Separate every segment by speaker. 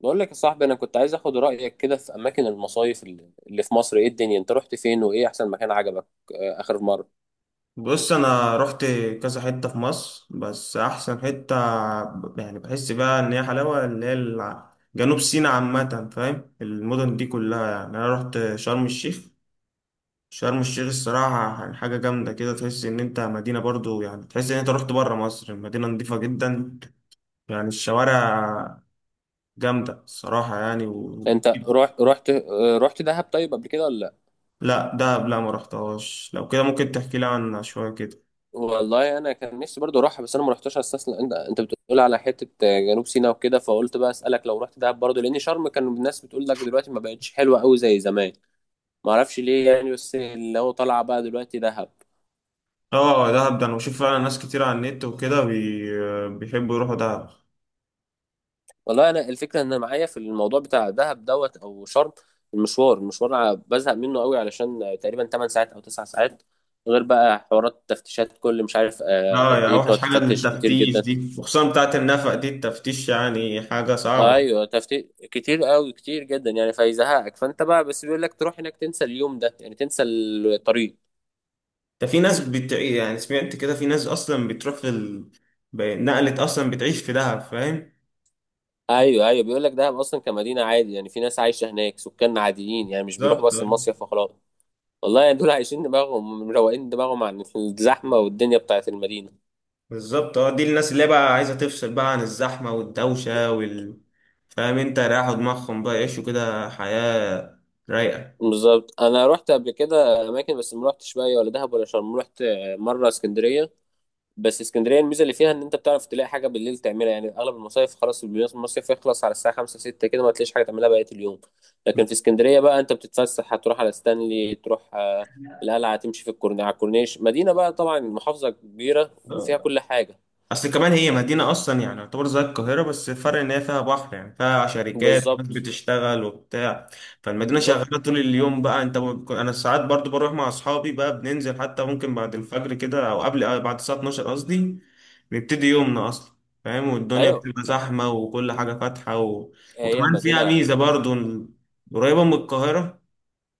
Speaker 1: بقول لك يا صاحبي، انا كنت عايز اخد رايك كده في اماكن المصايف اللي في مصر. ايه الدنيا؟ انت رحت فين وايه احسن مكان عجبك؟ اخر مره
Speaker 2: بص انا رحت كذا حته في مصر بس احسن حته يعني بحس بقى ان هي حلاوه اللي هي جنوب سيناء عامه، فاهم؟ المدن دي كلها يعني انا رحت شرم الشيخ. شرم الشيخ الصراحه يعني حاجه جامده كده، تحس ان انت مدينه برضو، يعني تحس ان انت رحت بره مصر. المدينه نظيفه جدا، يعني الشوارع جامده الصراحه يعني
Speaker 1: انت رحت رحت دهب طيب قبل كده ولا لا؟
Speaker 2: لا ده، لا ما رحتهاش. لو كده ممكن تحكي لي عنها شويه كده.
Speaker 1: والله انا كان نفسي برضو اروحها، بس انا ما رحتش استسلم. انت بتقول على حته جنوب سيناء وكده، فقلت بقى اسالك لو رحت دهب برضو، لان شرم كان الناس بتقول لك دلوقتي ما بقتش حلوه قوي زي زمان. ما اعرفش ليه يعني، بس اللي هو طالعه بقى دلوقتي دهب.
Speaker 2: اه دهب ده انا بشوف فعلا ناس كتير على النت وكده بيحبوا يروحوا دهب.
Speaker 1: والله انا الفكره ان انا معايا في الموضوع بتاع دهب دوت او شرم، المشوار بزهق منه قوي، علشان تقريبا 8 ساعات او 9 ساعات، غير بقى حوارات تفتيشات كل مش عارف
Speaker 2: اه،
Speaker 1: قد
Speaker 2: يا
Speaker 1: ايه
Speaker 2: اوحش
Speaker 1: بتقعد
Speaker 2: حاجه
Speaker 1: تفتش كتير
Speaker 2: التفتيش
Speaker 1: جدا.
Speaker 2: دي، وخصوصا بتاعت النفق دي، التفتيش يعني حاجه صعبه.
Speaker 1: ايوه تفتيش كتير قوي كتير جدا يعني فيزهقك. فانت بقى بس بيقول لك تروح هناك تنسى اليوم ده يعني، تنسى الطريق.
Speaker 2: ده في ناس يعني سمعت كده في ناس اصلا بتروح في نقلت اصلا بتعيش في دهب، فاهم؟
Speaker 1: ايوه ايوه، بيقول لك دهب اصلا كمدينه عادي، يعني في ناس عايشه هناك، سكان عاديين يعني، مش بيروحوا
Speaker 2: بالظبط
Speaker 1: بس
Speaker 2: آه.
Speaker 1: المصيف وخلاص. والله يعني دول عايشين دماغهم، مروقين دماغهم عن الزحمه والدنيا بتاعت المدينه.
Speaker 2: بالظبط، اه دي الناس اللي بقى عايزه تفصل بقى عن الزحمه والدوشه وال، فاهم انت؟ رايحوا دماغهم بقى يعيشوا كده حياه رايقه.
Speaker 1: بالظبط. انا رحت قبل كده اماكن، بس ما رحتش بقى ولا دهب ولا شرم. رحت مره اسكندريه. بس اسكندريه الميزه اللي فيها ان انت بتعرف تلاقي حاجه بالليل تعملها، يعني اغلب المصايف خلاص المصيف يخلص على الساعه 5 6 كده، ما تلاقيش حاجه تعملها بقيه اليوم. لكن في اسكندريه بقى انت بتتفسح، هتروح على ستانلي، تروح القلعه، تمشي في على الكورنيش، مدينه بقى طبعا، محافظه كبيره وفيها كل حاجه.
Speaker 2: اصل كمان هي مدينة اصلا يعني، يعتبر زي القاهرة بس الفرق ان هي فيها بحر، يعني فيها شركات وناس
Speaker 1: بالظبط.
Speaker 2: بتشتغل وبتاع. فالمدينة
Speaker 1: بالظبط
Speaker 2: شغالة طول اليوم، بقى انت انا ساعات برضو بروح مع اصحابي، بقى بننزل حتى ممكن بعد الفجر كده او قبل، بعد الساعة 12 قصدي. بيبتدي يومنا اصلا، فاهم؟ والدنيا
Speaker 1: ايوه.
Speaker 2: بتبقى زحمة وكل حاجة فاتحة
Speaker 1: هي
Speaker 2: وكمان فيها
Speaker 1: مدينه.
Speaker 2: ميزة برضو إن قريبة من القاهرة،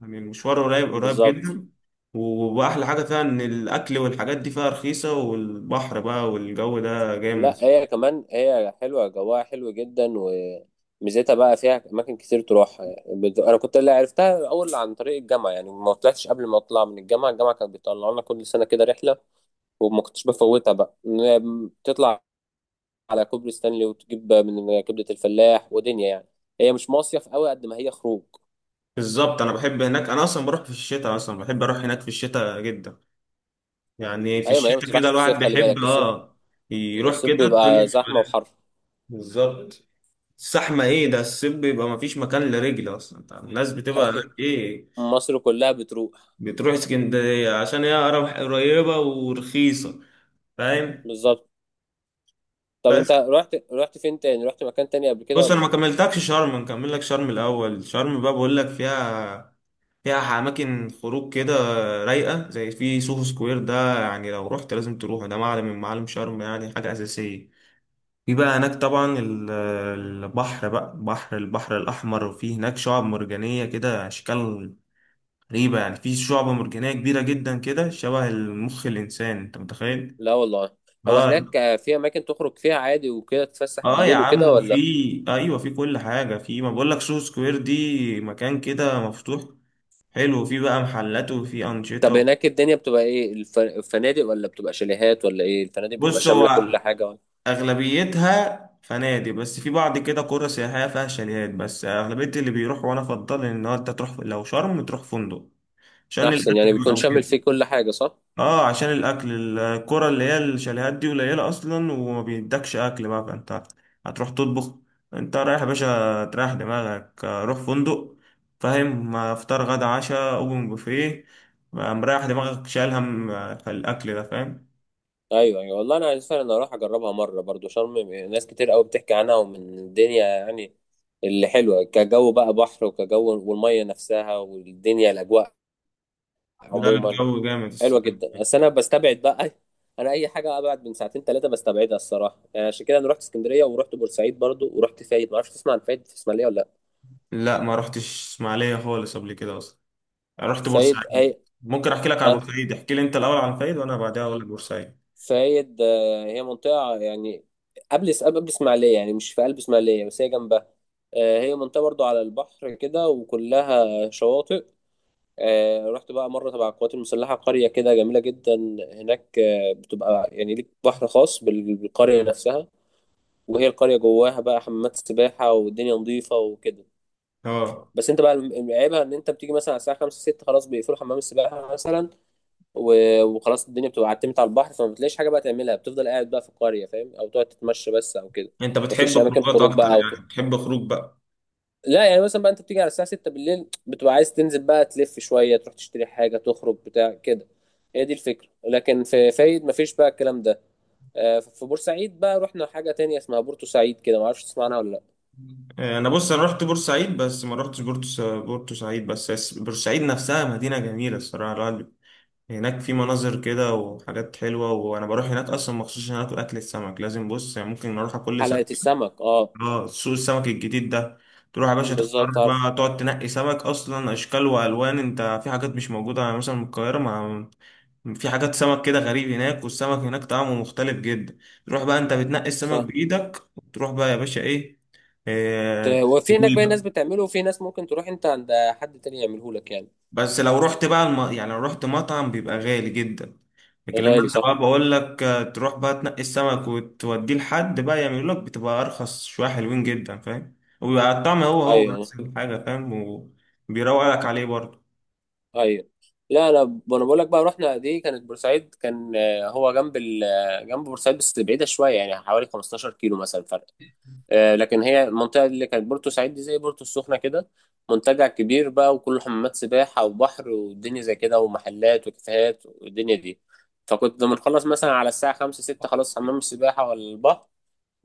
Speaker 2: يعني المشوار قريب
Speaker 1: بالظبط.
Speaker 2: جدا. واحلى حاجه فيها ان الاكل والحاجات دي فيها رخيصه، والبحر بقى والجو ده جامد.
Speaker 1: لا هي كمان هي حلوة جواها حلو جدا، وميزتها بقى فيها أماكن كتير تروحها. أنا كنت اللي عرفتها الأول عن طريق الجامعة، يعني ما طلعتش قبل ما أطلع من الجامعة. الجامعة كانت بتطلع لنا كل سنة كده رحلة، وما كنتش بفوتها بقى. تطلع على كوبري ستانلي وتجيب من كبدة الفلاح ودنيا يعني. هي مش مصيف قوي قد ما هي خروج.
Speaker 2: بالظبط، انا بحب هناك، انا اصلا بروح في الشتاء. اصلا بحب اروح هناك في الشتاء جدا، يعني في
Speaker 1: أيوة، ما هي ما
Speaker 2: الشتاء
Speaker 1: تروحش
Speaker 2: كده
Speaker 1: في
Speaker 2: الواحد
Speaker 1: الصيف، خلي
Speaker 2: بيحب.
Speaker 1: بالك الصيف.
Speaker 2: اه يروح
Speaker 1: الصيف
Speaker 2: كده، الدنيا
Speaker 1: بيبقى
Speaker 2: بتبقى
Speaker 1: زحمة
Speaker 2: رايقة.
Speaker 1: وحر.
Speaker 2: بالظبط. الزحمه ايه ده! الصيف بيبقى مفيش مكان لرجل اصلا، انت عارف، الناس بتبقى
Speaker 1: أيوة،
Speaker 2: هناك ايه.
Speaker 1: مصر كلها بتروح.
Speaker 2: بتروح اسكندريه عشان هي قريبه ورخيصه، فاهم؟
Speaker 1: بالظبط. طب
Speaker 2: بس
Speaker 1: أنت رحت فين تاني؟ رحت مكان تاني قبل كده
Speaker 2: بص، انا ما
Speaker 1: ولا
Speaker 2: كملتكش شرم، نكمل لك شرم الاول. شرم بقى بقول لك فيها، فيها اماكن خروج كده رايقه، زي في سوهو سكوير ده، يعني لو رحت لازم تروحه، ده معلم من معالم شرم يعني حاجه اساسيه. في بقى هناك طبعا البحر بقى، بحر البحر الاحمر، وفي هناك شعاب مرجانيه كده، اشكال غريبه. يعني في شعبه مرجانيه كبيره جدا كده شبه المخ الانسان، انت متخيل؟
Speaker 1: لا؟ والله. هو هناك
Speaker 2: اه.
Speaker 1: في اماكن تخرج فيها عادي وكده، تتفسح
Speaker 2: اه يا
Speaker 1: بالليل وكده
Speaker 2: عم، وفي،
Speaker 1: ولا؟
Speaker 2: ايوه في كل حاجه. في، ما بقول لك سوق سكوير دي، مكان كده مفتوح حلو، في بقى محلات وفي
Speaker 1: طب
Speaker 2: انشطه.
Speaker 1: هناك الدنيا بتبقى ايه؟ الفنادق ولا بتبقى شاليهات ولا ايه؟ الفنادق بتبقى
Speaker 2: بص،
Speaker 1: شامله
Speaker 2: هو
Speaker 1: كل حاجه ولا؟
Speaker 2: اغلبيتها فنادق، بس في بعض كده قرى سياحيه فيها شاليهات. بس اغلبيه اللي بيروح، وانا افضل، ان هو انت تروح لو شرم تروح فندق عشان
Speaker 1: احسن
Speaker 2: الاكل
Speaker 1: يعني بيكون
Speaker 2: بقى
Speaker 1: شامل
Speaker 2: وكده.
Speaker 1: فيه كل حاجه، صح؟
Speaker 2: اه عشان الاكل، الكرة اللي هي الشاليهات دي قليلة اصلا، وما بيدكش اكل بقى، فانت هتروح تطبخ. انت رايح يا باشا تريح دماغك، روح فندق، فاهم؟ فطار غدا عشاء اوبن بوفيه، مريح دماغك، شايل هم الاكل ده، فاهم؟
Speaker 1: ايوه ايوه، والله انا عايز فعلا اروح اجربها مره برضو شرم، ناس كتير قوي بتحكي عنها، ومن الدنيا يعني اللي حلوه كجو بقى، بحر وكجو والميه نفسها والدنيا الاجواء
Speaker 2: لا
Speaker 1: عموما
Speaker 2: الجو جامد
Speaker 1: حلوه
Speaker 2: الصراحة.
Speaker 1: جدا. بس انا بستبعد بقى، انا اي حاجه ابعد من ساعتين ثلاثه بستبعدها الصراحه يعني. عشان كده انا رحت اسكندريه ورحت بورسعيد برضو ورحت فايد. ما اعرفش تسمع عن فايد في اسماعيليه ولا لا؟
Speaker 2: لا ما رحتش اسماعيلية خالص قبل كده اصلا، رحت
Speaker 1: فايد
Speaker 2: بورسعيد.
Speaker 1: اي.
Speaker 2: ممكن احكي لك على
Speaker 1: أه،
Speaker 2: بورسعيد، احكي لي انت الاول عن فايد، وانا بعدها اقول لك بورسعيد.
Speaker 1: فايد هي منطقه يعني قبل اسماعيليه، يعني مش في قلب اسماعيليه، بس هي جنبها. هي منطقه برضو على البحر كده وكلها شواطئ. رحت بقى مره تبع القوات المسلحه قريه كده جميله جدا. هناك بتبقى يعني ليك بحر خاص بالقريه نفسها. وهي القرية جواها بقى حمامات سباحة والدنيا نظيفة وكده.
Speaker 2: اه،
Speaker 1: بس انت بقى عيبها ان انت بتيجي مثلا على الساعة 5 6 خلاص بيقفلوا حمام السباحة مثلا. وخلاص الدنيا بتبقى عتمت على البحر، فما بتلاقيش حاجة بقى تعملها، بتفضل قاعد بقى في القرية فاهم، او تقعد تتمشى بس او كده.
Speaker 2: انت بتحب
Speaker 1: مفيش اماكن
Speaker 2: خروجات
Speaker 1: خروج
Speaker 2: اكتر،
Speaker 1: بقى او تروح.
Speaker 2: يعني بتحب خروج بقى.
Speaker 1: لا يعني مثلا بقى انت بتيجي على الساعة 6 بالليل بتبقى عايز تنزل بقى، تلف شوية، تروح تشتري حاجة، تخرج بتاع كده، هي دي الفكرة. لكن في فايد مفيش بقى الكلام ده. في بورسعيد بقى رحنا حاجة تانية اسمها بورتو سعيد كده، معرفش تسمعنا ولا؟
Speaker 2: انا، بص انا رحت بورسعيد، بس ما رحتش بورتو سعيد بس، بورسعيد نفسها مدينه جميله الصراحه، لا، هناك في مناظر كده وحاجات حلوه، وانا بروح هناك اصلا مخصوص عشان اكل، اكل السمك لازم. بص يعني ممكن اروح كل سنه
Speaker 1: حلقة
Speaker 2: كده.
Speaker 1: السمك اه.
Speaker 2: اه، سوق السمك الجديد ده، تروح يا باشا تختار
Speaker 1: بالظبط عارف.
Speaker 2: بقى، تقعد تنقي سمك، اصلا اشكال والوان. انت في حاجات مش موجوده يعني مثلا من القاهره. ما في حاجات سمك كده غريب هناك، والسمك هناك طعمه مختلف جدا. تروح بقى انت بتنقي السمك
Speaker 1: صح.
Speaker 2: بايدك، وتروح بقى يا باشا ايه، إيه،
Speaker 1: وفي هناك
Speaker 2: تسويه
Speaker 1: باقي ناس
Speaker 2: بقى.
Speaker 1: بتعمله، وفي ناس ممكن تروح انت عند حد تاني يعمله لك يعني.
Speaker 2: بس لو رحت بقى يعني لو رحت مطعم بيبقى غالي جدا، لكن لما
Speaker 1: غالي،
Speaker 2: انت
Speaker 1: صح.
Speaker 2: بقى بقول لك تروح بقى تنقي السمك وتوديه لحد بقى يعمل لك، بتبقى ارخص شويه، حلوين جدا فاهم، وبيبقى الطعم هو
Speaker 1: ايوه ايوه.
Speaker 2: نفس الحاجه، فاهم؟ وبيروق لك عليه برضه.
Speaker 1: أيوة. لا انا انا بقول لك بقى رحنا، دي كانت بورسعيد، كان هو جنب جنب بورسعيد بس بعيدة شوية يعني حوالي 15 كيلو مثلا. لكن هي المنطقة اللي كانت بورتو سعيد دي زي بورتو السخنة كده، منتجع كبير بقى، وكله حمامات سباحة وبحر والدنيا زي كده، ومحلات وكافيهات والدنيا دي. فكنت بنخلص مثلا على الساعة 5 6، خلاص حمام السباحة ولا البحر،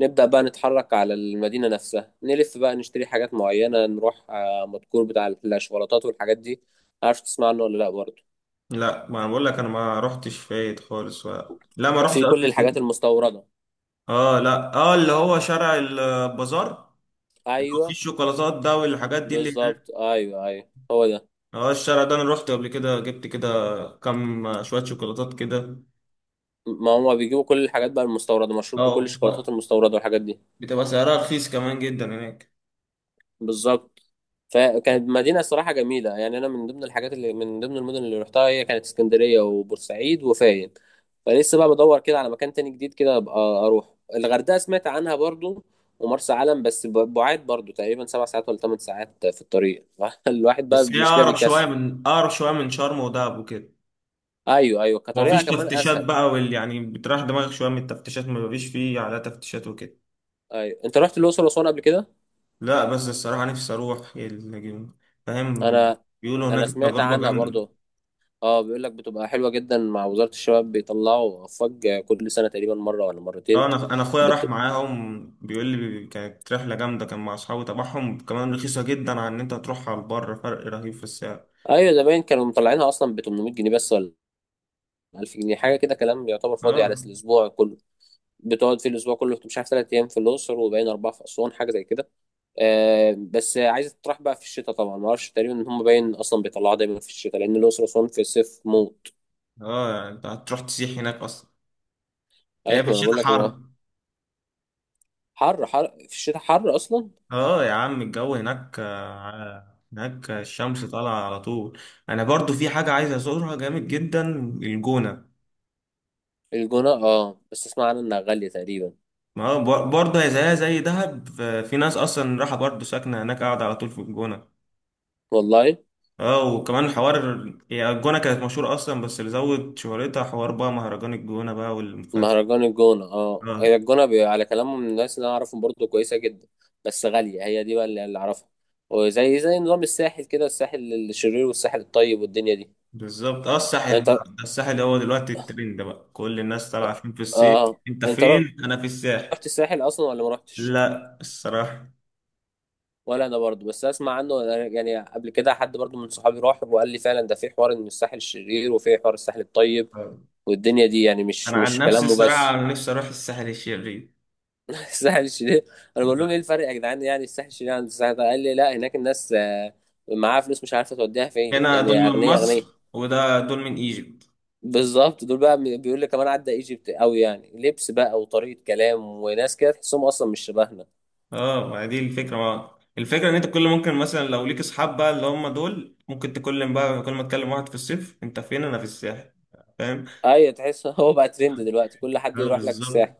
Speaker 1: نبدأ بقى نتحرك على المدينة نفسها، نلف بقى نشتري حاجات معينة، نروح مدكور بتاع الشوكولاتات والحاجات دي. عارف تسمع عنه ولا لأ برضه؟
Speaker 2: لا، ما انا بقول لك، انا ما رحتش فايت خالص ولا. لا ما رحتش
Speaker 1: في كل
Speaker 2: قصدي،
Speaker 1: الحاجات
Speaker 2: إيه؟
Speaker 1: المستوردة.
Speaker 2: اه، لا اه، اللي هو شارع البازار، اللي هو فيه
Speaker 1: أيوه.
Speaker 2: الشوكولاتات ده والحاجات دي اللي هناك.
Speaker 1: بالظبط أيوه أيوه، هو ده.
Speaker 2: اه الشارع ده انا رحت قبل كده، جبت كده كام شويه شوكولاتات كده.
Speaker 1: ما هما بيجيبوا كل الحاجات بقى المستورده، مشهور بكل
Speaker 2: اه
Speaker 1: الشوكولاتات المستورده والحاجات دي.
Speaker 2: بتبقى سعرها رخيص كمان جدا هناك.
Speaker 1: بالظبط. فكانت مدينه الصراحه جميله يعني. انا من ضمن الحاجات اللي من ضمن المدن اللي رحتها هي كانت اسكندريه وبورسعيد وفايد. فلسه بقى بدور كده على مكان تاني جديد كده، ابقى اروح الغردقه سمعت عنها برضو ومرسى علم، بس بعاد برضو، تقريبا 7 ساعات ولا 8 ساعات في الطريق. الواحد بقى
Speaker 2: بس هي
Speaker 1: المشكله
Speaker 2: اقرب شويه
Speaker 1: بيكسل.
Speaker 2: من، شرم ودهب وكده،
Speaker 1: ايوه ايوه،
Speaker 2: ما
Speaker 1: كطريقه
Speaker 2: فيش
Speaker 1: كمان
Speaker 2: تفتيشات
Speaker 1: اسهل.
Speaker 2: بقى وال، يعني بتريح دماغك شويه من التفتيشات، ما فيش على تفتيشات وكده.
Speaker 1: ايوه، انت رحت الاقصر واسوان قبل كده؟
Speaker 2: لا بس الصراحه نفسي اروح فاهم؟
Speaker 1: انا
Speaker 2: بيقولوا هناك
Speaker 1: انا سمعت
Speaker 2: تجربه
Speaker 1: عنها
Speaker 2: جامده.
Speaker 1: برضو. اه بيقول لك بتبقى حلوة جدا، مع وزارة الشباب بيطلعوا فج كل سنة تقريبا مرة ولا مرتين.
Speaker 2: اه، انا اخويا راح
Speaker 1: بت...
Speaker 2: معاهم، بيقول لي كانت رحله جامده، كان مع اصحابه تبعهم، كمان رخيصه جدا عن ان انت تروح على البر، فرق رهيب في السعر.
Speaker 1: ايوه زمان كانوا مطلعينها اصلا ب 800 جنيه بس، ولا 1000 جنيه حاجة كده، كلام يعتبر فاضي
Speaker 2: اه.
Speaker 1: على الاسبوع كله. بتقعد في الاسبوع كله مش عارف 3 ايام في الاقصر وباين 4 في اسوان حاجة زي كده. آه بس عايزة تطرح بقى في الشتاء طبعا، ما اعرفش تقريبا ان هم باين اصلا بيطلعوها دايما في الشتاء لان الاقصر واسوان في الصيف موت.
Speaker 2: اه، يعني انت هتروح تسيح هناك اصلا. هي
Speaker 1: ايوه،
Speaker 2: في
Speaker 1: ما انا
Speaker 2: الشتاء
Speaker 1: بقول لك
Speaker 2: حر.
Speaker 1: الموضوع. حر، في الشتاء حر اصلا.
Speaker 2: اه يا عم، الجو هناك هناك الشمس طالعة على طول. انا برضو في حاجة عايز ازورها جامد جدا، الجونة.
Speaker 1: الجونة اه، بس اسمع عنها انها غالية تقريبا.
Speaker 2: ما هو برضه هي زيها زي دهب في ناس اصلا راحة برضو ساكنة هناك، قاعدة على طول في الجونة.
Speaker 1: والله.
Speaker 2: اه، وكمان حوار، هي الجونة كانت مشهورة اصلا، بس اللي زود شهرتها حوار بقى مهرجان الجونة بقى والمخنفة.
Speaker 1: مهرجان الجونة اه، هي
Speaker 2: اه
Speaker 1: الجونة على كلامهم من الناس اللي انا اعرفهم برضو كويسة جدا، بس غالية هي دي بقى اللي اعرفها. وزي زي نظام الساحل كده، الساحل الشرير والساحل الطيب والدنيا دي.
Speaker 2: بالظبط، اه الساحل
Speaker 1: انت
Speaker 2: بقى، ده الساحل هو دلوقتي الترند بقى، كل الناس طالعة فين في الصيف،
Speaker 1: اه،
Speaker 2: انت
Speaker 1: انت
Speaker 2: فين؟
Speaker 1: رحت
Speaker 2: انا في الساحل.
Speaker 1: الساحل اصلا ولا ما رحتش؟
Speaker 2: لا الصراحة.
Speaker 1: ولا انا برضو بس اسمع عنه. أنا يعني قبل كده حد برضو من صحابي راح وقال لي فعلا ده في حوار ان الساحل الشرير وفي حوار الساحل الطيب والدنيا دي يعني، مش
Speaker 2: انا عن
Speaker 1: مش
Speaker 2: نفسي
Speaker 1: كلامه
Speaker 2: الصراحه،
Speaker 1: بس.
Speaker 2: انا نفسي اروح الساحل الشرير.
Speaker 1: الساحل الشرير. انا بقول لهم ايه الفرق يا جدعان؟ يعني الساحل الشرير عن الساحل ده؟ قال لي لا، هناك الناس معاها فلوس مش عارفه توديها فين،
Speaker 2: هنا دول
Speaker 1: يعني
Speaker 2: من
Speaker 1: اغنياء
Speaker 2: مصر،
Speaker 1: اغنياء.
Speaker 2: وده دول من ايجيبت.
Speaker 1: بالظبط، دول بقى بيقول لي كمان عدى ايجيبت قوي يعني، لبس بقى وطريقه كلام وناس كده تحسهم اصلا مش شبهنا.
Speaker 2: اه ما دي الفكره، ما الفكره ان انت كل، ممكن مثلا لو ليك اصحاب بقى اللي هم دول، ممكن تكلم بقى، كل ما تكلم واحد في الصيف انت فين؟ انا في الساحل، فاهم؟
Speaker 1: ايوه، تحس. هو بقى ترند دلوقتي، كل حد
Speaker 2: اه
Speaker 1: يروح لك
Speaker 2: بالظبط.
Speaker 1: الساحل.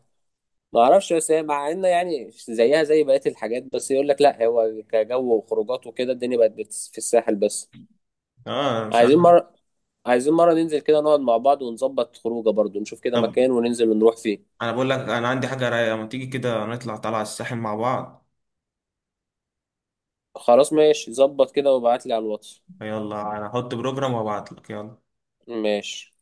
Speaker 1: ما اعرفش، بس هي مع ان يعني زيها زي بقيه الحاجات، بس يقول لك لا، هو كجو وخروجات وكده، الدنيا بقت في الساحل بس.
Speaker 2: اه أنا مش عارف.
Speaker 1: عايزين مره، عايزين مرة ننزل كده نقعد مع بعض ونظبط خروجه برضو، نشوف كده
Speaker 2: طب
Speaker 1: مكان وننزل ونروح فيه.
Speaker 2: انا بقول لك، انا عندي حاجه رايقه، ما تيجي كده نطلع طالعه الساحل مع بعض.
Speaker 1: خلاص ماشي، ظبط كده وابعتلي على الواتس.
Speaker 2: يلا، انا هحط بروجرام وابعت لك، يلا.
Speaker 1: ماشي